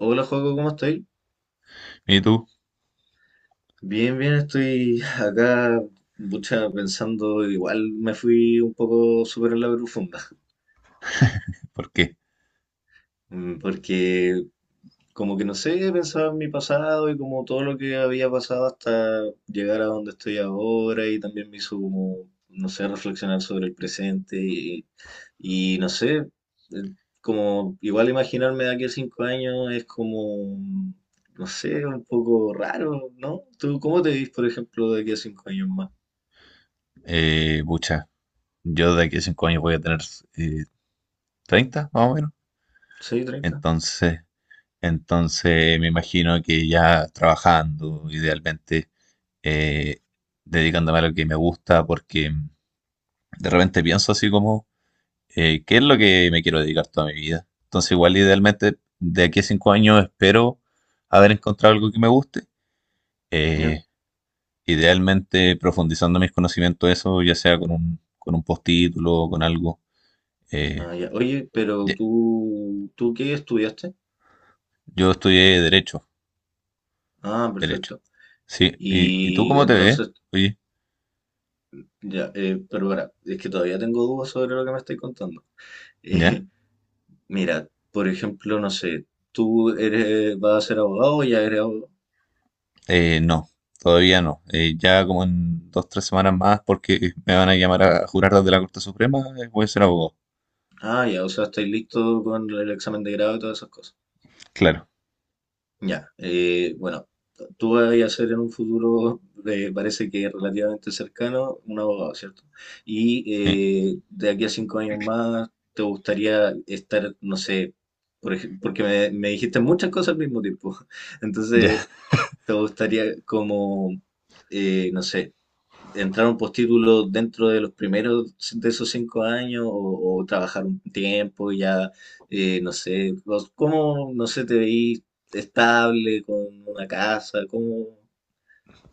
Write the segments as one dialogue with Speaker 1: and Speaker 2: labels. Speaker 1: Hola, Joaco, ¿cómo estoy?
Speaker 2: ¿Y tú?
Speaker 1: Bien, bien, estoy acá, mucha pensando, igual me fui un poco súper en la profunda.
Speaker 2: ¿Por qué?
Speaker 1: Porque como que no sé, pensaba en mi pasado y como todo lo que había pasado hasta llegar a donde estoy ahora y también me hizo como, no sé, reflexionar sobre el presente. Y no sé, eh, como igual imaginarme de aquí a 5 años es como, no sé, un poco raro, ¿no? ¿Tú cómo te ves, por ejemplo, de aquí a 5 años más?
Speaker 2: Pucha, yo de aquí a cinco años voy a tener eh, 30, más o menos.
Speaker 1: ¿Seis, 30?
Speaker 2: Entonces, entonces, me imagino que ya trabajando, idealmente, eh, dedicándome a lo que me gusta, porque de repente pienso así como, ¿qué es lo que me quiero dedicar toda mi vida? Entonces, igual idealmente, de aquí a cinco años espero haber encontrado algo que me guste.
Speaker 1: ¿Ya?
Speaker 2: Eh, idealmente profundizando mis conocimientos, eso, ya sea con un postítulo o con algo. Eh,
Speaker 1: Ah, ya. Oye, pero
Speaker 2: ya.
Speaker 1: tú, ¿tú qué estudiaste?
Speaker 2: Yo estudié Derecho,
Speaker 1: Ah,
Speaker 2: Derecho.
Speaker 1: perfecto.
Speaker 2: Sí, ¿y tú
Speaker 1: Y
Speaker 2: cómo te ves?
Speaker 1: entonces,
Speaker 2: Oye,
Speaker 1: ya, pero ahora es que todavía tengo dudas sobre lo que me estoy contando.
Speaker 2: ¿ya?
Speaker 1: Eh, Mira, por ejemplo, no sé, tú eres, vas a ser abogado o ya eres abogado.
Speaker 2: No, todavía no. Ya como en dos, tres semanas más, porque me van a llamar a jurar desde la Corte Suprema, voy a ser abogado.
Speaker 1: Ah, ya, o sea, estáis listo con el examen de grado y todas esas cosas.
Speaker 2: Claro,
Speaker 1: Ya, bueno, tú vas a ser en un futuro, parece que relativamente cercano, un abogado, ¿cierto?
Speaker 2: sí.
Speaker 1: Y de aquí a 5 años más, ¿te gustaría estar, no sé, porque me dijiste muchas cosas al mismo tiempo? Entonces,
Speaker 2: Ya,
Speaker 1: ¿te gustaría como, no sé, entrar a un postítulo dentro de los primeros de esos 5 años o trabajar un tiempo y ya, no sé, cómo, no sé, te veís estable con una casa,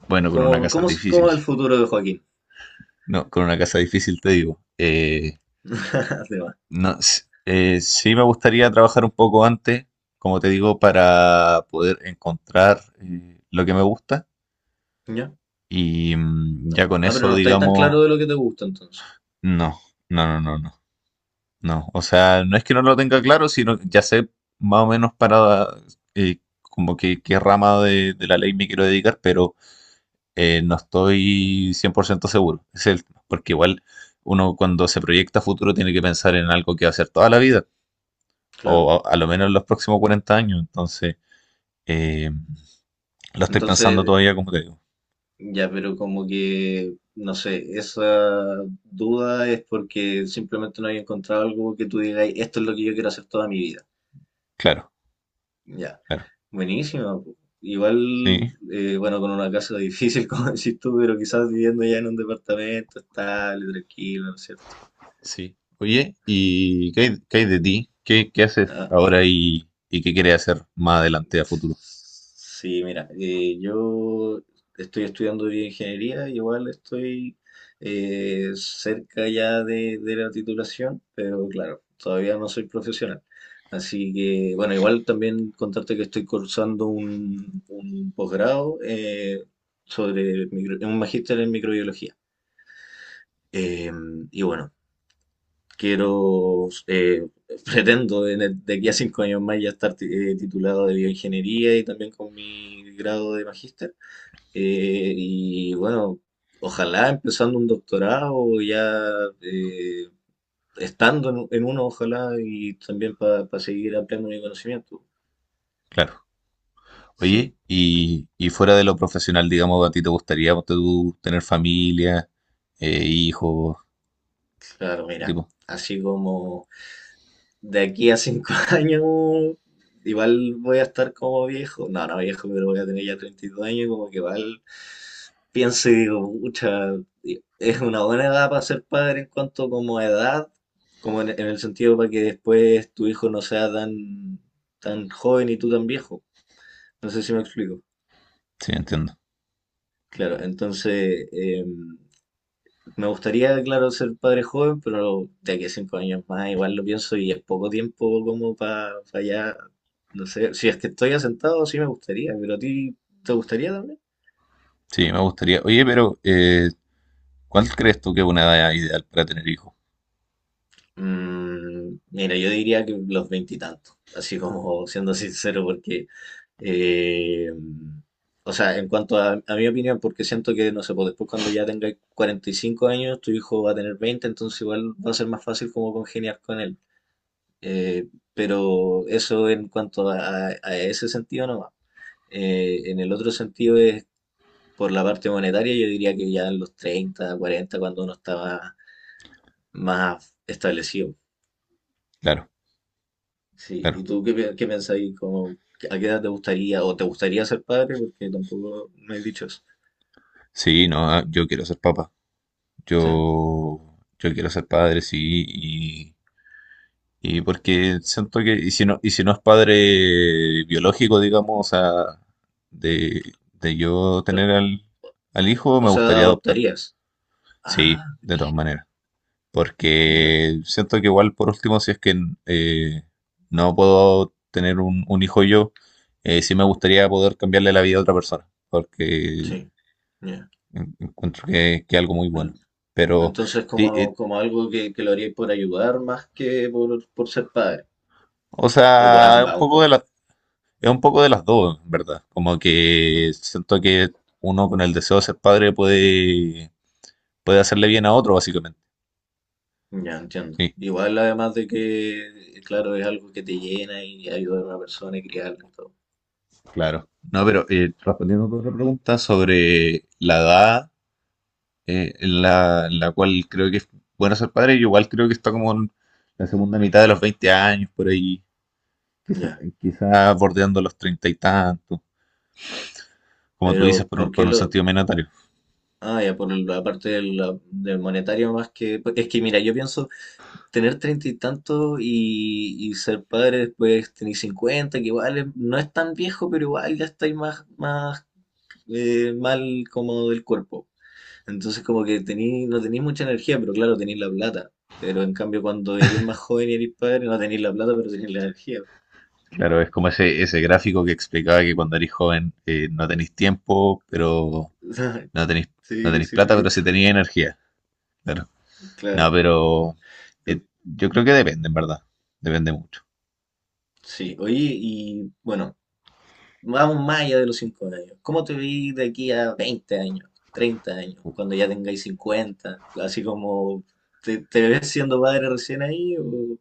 Speaker 2: bueno, con una casa
Speaker 1: cómo
Speaker 2: difícil.
Speaker 1: es el futuro de Joaquín?
Speaker 2: No, con una casa difícil te digo.
Speaker 1: Además,
Speaker 2: No, s- sí me gustaría trabajar un poco antes, como te digo, para poder encontrar lo que me gusta
Speaker 1: ¿ya?
Speaker 2: y mm, ya con
Speaker 1: Ah, pero
Speaker 2: eso,
Speaker 1: no estáis tan
Speaker 2: digamos.
Speaker 1: claro de lo que te gusta entonces.
Speaker 2: No, no, no, no, no, no. O sea, no es que no lo tenga claro, sino que ya sé más o menos para como que qué rama de la ley me quiero dedicar, pero no estoy 100% seguro. Es el, porque igual uno cuando se proyecta a futuro tiene que pensar en algo que va a hacer toda la vida,
Speaker 1: Claro.
Speaker 2: o a lo menos en los próximos 40 años. Entonces, eh, lo estoy pensando
Speaker 1: Entonces,
Speaker 2: todavía, como te digo.
Speaker 1: ya, pero como que, no sé, esa duda es porque simplemente no hay encontrado algo que tú digas, esto es lo que yo quiero hacer toda mi vida.
Speaker 2: Claro,
Speaker 1: Ya,
Speaker 2: claro.
Speaker 1: buenísimo. Igual,
Speaker 2: Sí.
Speaker 1: bueno, con una casa difícil, como decís tú, pero quizás viviendo ya en un departamento estable, tranquilo, ¿no es cierto?
Speaker 2: Sí. Oye, ¿y qué hay de ti? ¿Qué, qué haces
Speaker 1: Ah,
Speaker 2: ahora y qué quieres hacer más adelante a futuro?
Speaker 1: sí, mira, yo estoy estudiando bioingeniería y igual estoy cerca ya de la titulación, pero claro, todavía no soy profesional. Así que, bueno, igual también contarte que estoy cursando un posgrado sobre un magíster en microbiología. Eh, y bueno, quiero, pretendo de aquí a 5 años más ya estar titulado de bioingeniería y también con mi grado de magíster. Y bueno, ojalá empezando un doctorado, ya eh, estando en uno, ojalá, y también para seguir ampliando mi conocimiento.
Speaker 2: Claro. Oye,
Speaker 1: Sí,
Speaker 2: y fuera de lo profesional, digamos, ¿a ti te gustaría ponte tú, tener familia, hijos,
Speaker 1: claro,
Speaker 2: qué
Speaker 1: mira,
Speaker 2: tipo?
Speaker 1: así como de aquí a cinco años, igual voy a estar como viejo. No, no viejo, pero voy a tener ya 32 años y como que igual pienso y digo, pucha, es una buena edad para ser padre en cuanto como a edad, como en el sentido para que después tu hijo no sea tan, tan joven y tú tan viejo. No sé si me explico.
Speaker 2: Sí, entiendo.
Speaker 1: Claro, entonces, me gustaría, claro, ser padre joven, pero de aquí a 5 años más igual lo pienso y es poco tiempo como para allá, no sé, si es que estoy asentado sí me gustaría, pero a ti te gustaría también.
Speaker 2: Sí, me gustaría. Oye, pero ¿cuál crees tú que es una edad ideal para tener hijos?
Speaker 1: Mira, yo diría que los veintitantos, así como siendo sincero, porque, eh, o sea, en cuanto a mi opinión, porque siento que, no sé, pues después cuando ya tenga 45 años, tu hijo va a tener 20 entonces igual va a ser más fácil como congeniar con él. Eh, pero eso en cuanto a ese sentido no, en el otro sentido es por la parte monetaria, yo diría que ya en los 30, 40 cuando uno estaba más establecido.
Speaker 2: Claro,
Speaker 1: Sí, ¿y
Speaker 2: claro.
Speaker 1: tú qué, qué pensáis? ¿ a qué edad te gustaría o te gustaría ser padre? Porque tampoco me has dicho eso.
Speaker 2: Sí, no, ah, yo quiero ser papá.
Speaker 1: ¿Sí?
Speaker 2: Yo quiero ser padre, sí. Y porque siento que, y si no es padre biológico, digamos, o sea, de, de yo
Speaker 1: Pero,
Speaker 2: tener al, al hijo,
Speaker 1: o
Speaker 2: me
Speaker 1: sea,
Speaker 2: gustaría adoptar.
Speaker 1: adoptarías. Ah,
Speaker 2: Sí, de todas
Speaker 1: brígido.
Speaker 2: maneras.
Speaker 1: Mira,
Speaker 2: Porque siento que igual, por último, si es que eh, no puedo tener un hijo yo, sí me gustaría poder cambiarle la vida a otra persona. Porque
Speaker 1: sí. Ya.
Speaker 2: en- encuentro que es algo muy bueno.
Speaker 1: L-
Speaker 2: Pero
Speaker 1: Entonces,
Speaker 2: sí,
Speaker 1: como, como algo que lo haríais por ayudar más que por ser padre.
Speaker 2: o
Speaker 1: O por
Speaker 2: sea, un
Speaker 1: ambas un
Speaker 2: poco de
Speaker 1: poco.
Speaker 2: la. Es un poco de las dos, en ¿verdad? Como que siento que uno con el deseo de ser padre puede, puede hacerle bien a otro, básicamente.
Speaker 1: Ya entiendo.
Speaker 2: Sí,
Speaker 1: Igual además de que, claro, es algo que te llena y ayudar a una persona y criarla y todo.
Speaker 2: claro. No, pero respondiendo a tu otra pregunta sobre la edad en la cual creo que es bueno ser padre, yo igual creo que está como en la segunda mitad de los 20 años, por ahí, quizá,
Speaker 1: Ya.
Speaker 2: quizá bordeando los treinta y tantos, como tú dices,
Speaker 1: Pero, ¿por
Speaker 2: por
Speaker 1: qué
Speaker 2: un
Speaker 1: lo?
Speaker 2: sentido menatario.
Speaker 1: Ah, ya, por la parte del monetario más que. Es que mira, yo pienso tener treinta y tantos y ser padre después tener 50, que igual es- no es tan viejo, pero igual ya estáis más, más mal como del cuerpo. Entonces como que no tenéis mucha energía, pero claro, tenéis la plata. Pero en cambio cuando eres más joven y eres padre, no tenéis la plata, pero tenéis la energía.
Speaker 2: Claro, es como ese gráfico que explicaba que cuando eres joven no tenés tiempo, pero no tenéis, no
Speaker 1: Sí,
Speaker 2: tenéis
Speaker 1: sí lo he
Speaker 2: plata, pero sí
Speaker 1: visto.
Speaker 2: tenéis energía. Claro. No,
Speaker 1: Claro.
Speaker 2: pero
Speaker 1: Eh,
Speaker 2: yo creo que depende, en verdad. Depende mucho.
Speaker 1: Sí, oye, y bueno, vamos más allá de los 5 años. ¿Cómo te vi de aquí a 20 años, 30 años, cuando ya tengáis 50? Así como, ¿te ves siendo padre recién ahí o,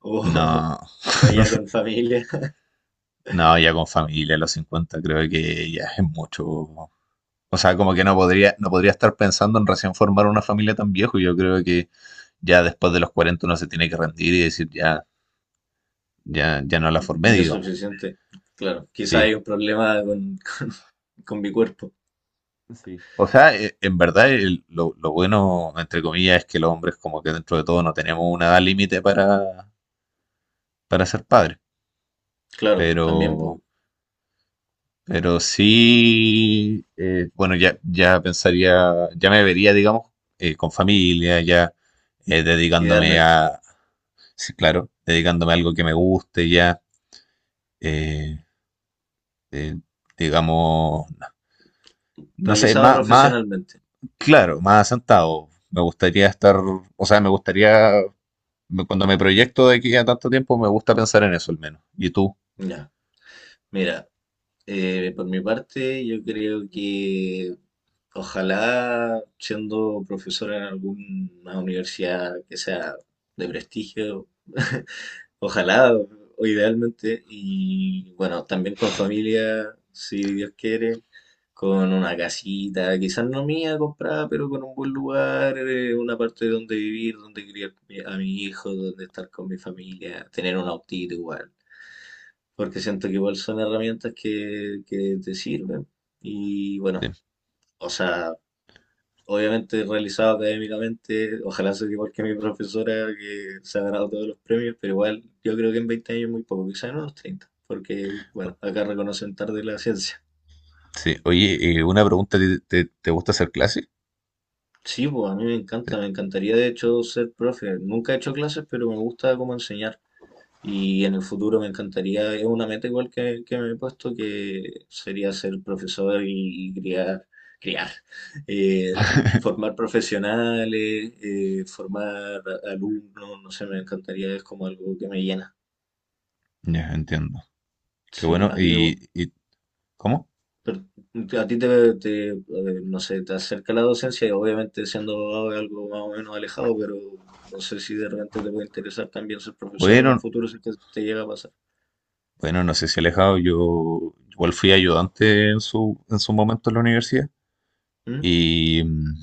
Speaker 1: o,
Speaker 2: No,
Speaker 1: o ya con familia?
Speaker 2: no, ya con familia a los 50 creo que ya es mucho. O sea, como que no podría, no podría estar pensando en recién formar una familia tan viejo. Yo creo que ya después de los 40 uno se tiene que rendir y decir, ya, ya, ya no la formé,
Speaker 1: Ya es
Speaker 2: digamos.
Speaker 1: suficiente. Claro, quizá
Speaker 2: Sí.
Speaker 1: hay un problema con mi cuerpo.
Speaker 2: Sí. O sea, en verdad el- lo bueno, entre comillas, es que los hombres como que dentro de todo no tenemos una edad límite para ser padres.
Speaker 1: Claro, también, pues,
Speaker 2: Pero, pero sí, bueno, ya, ya pensaría, ya me vería, digamos, con familia, ya dedicándome
Speaker 1: idealmente.
Speaker 2: a, sí, claro, dedicándome a algo que me guste, ya, eh, eh, digamos, no sé,
Speaker 1: Realizado
Speaker 2: más, más,
Speaker 1: profesionalmente.
Speaker 2: claro, más asentado. Me gustaría estar, o sea, me gustaría, me- cuando me proyecto de aquí a tanto tiempo, me gusta pensar en eso al menos. ¿Y tú?
Speaker 1: Ya, mira, por mi parte, yo creo que ojalá siendo profesor en alguna universidad que sea de prestigio. Ojalá o idealmente, y bueno, también con familia, si Dios quiere, con una casita, quizás no mía comprada, pero con un buen lugar, una parte donde vivir, donde criar a mi hijo, donde estar con mi familia, tener un autito igual, porque siento que igual son herramientas que te sirven. Y
Speaker 2: Sí,
Speaker 1: bueno, o sea, obviamente realizado académicamente, ojalá sea igual que mi profesora que se ha ganado todos los premios, pero igual yo creo que en 20 años es muy poco, quizás en unos 30 porque bueno, acá reconocen tarde la ciencia.
Speaker 2: sí. Oye, una pregunta, ¿te, te, te gusta hacer clases?
Speaker 1: Sí, pues a mí me encanta, me encantaría de hecho ser profe. Nunca he hecho clases, pero me gusta cómo enseñar. Y en el futuro me encantaría, es una meta igual que me he puesto, que sería ser profesor y criar, criar, eh, formar profesionales, formar alumnos, no sé, me encantaría, es como algo que me llena.
Speaker 2: Ya, entiendo. Qué
Speaker 1: Sí,
Speaker 2: bueno.
Speaker 1: a ti,
Speaker 2: Y cómo?
Speaker 1: per- a ti te, no sé, te acerca la docencia y obviamente siendo abogado es algo más o menos alejado, pero no sé si de repente te puede interesar también ser profesor en un
Speaker 2: Bueno,
Speaker 1: futuro si es que te llega a pasar.
Speaker 2: bueno, no sé si alejado. Yo igual fui ayudante en su momento en la universidad.
Speaker 1: ¿Mm?
Speaker 2: Y, mm,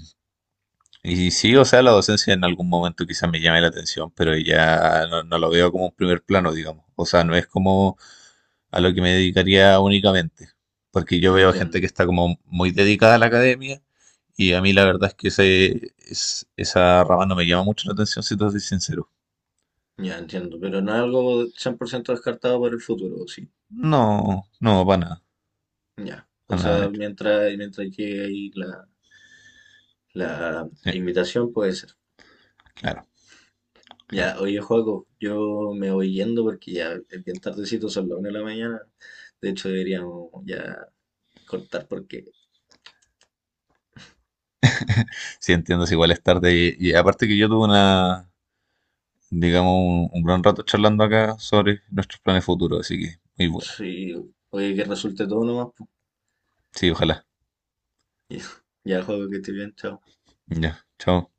Speaker 2: y sí, o sea, la docencia en algún momento quizás me llame la atención, pero ya no, no lo veo como un primer plano, digamos. O sea, no es como a lo que me dedicaría únicamente. Porque yo veo gente
Speaker 1: Entiendo.
Speaker 2: que está como muy dedicada a la academia. Y a mí la verdad es que ese, es- esa rama no me llama mucho la atención, si te soy sincero.
Speaker 1: Ya entiendo, pero no es algo 100% descartado para el futuro, sí.
Speaker 2: No, no,
Speaker 1: Ya. O
Speaker 2: para nada, de
Speaker 1: sea,
Speaker 2: hecho.
Speaker 1: mientras llegue ahí la
Speaker 2: Sí,
Speaker 1: invitación puede ser.
Speaker 2: claro,
Speaker 1: Ya,
Speaker 2: claro.
Speaker 1: oye, Joaco, yo me voy yendo porque ya es bien tardecito, son las 1 de la mañana. De hecho, deberíamos ya cortar porque
Speaker 2: Sí, entiendo, es igual es tarde. Y aparte que yo tuve una, digamos, un gran rato charlando acá sobre nuestros planes futuros, así que muy bueno.
Speaker 1: sí, oye, que resulte todo nomás. Po.
Speaker 2: Sí, ojalá.
Speaker 1: Ya, Joaco, que esté bien, chao.
Speaker 2: Ya, chao.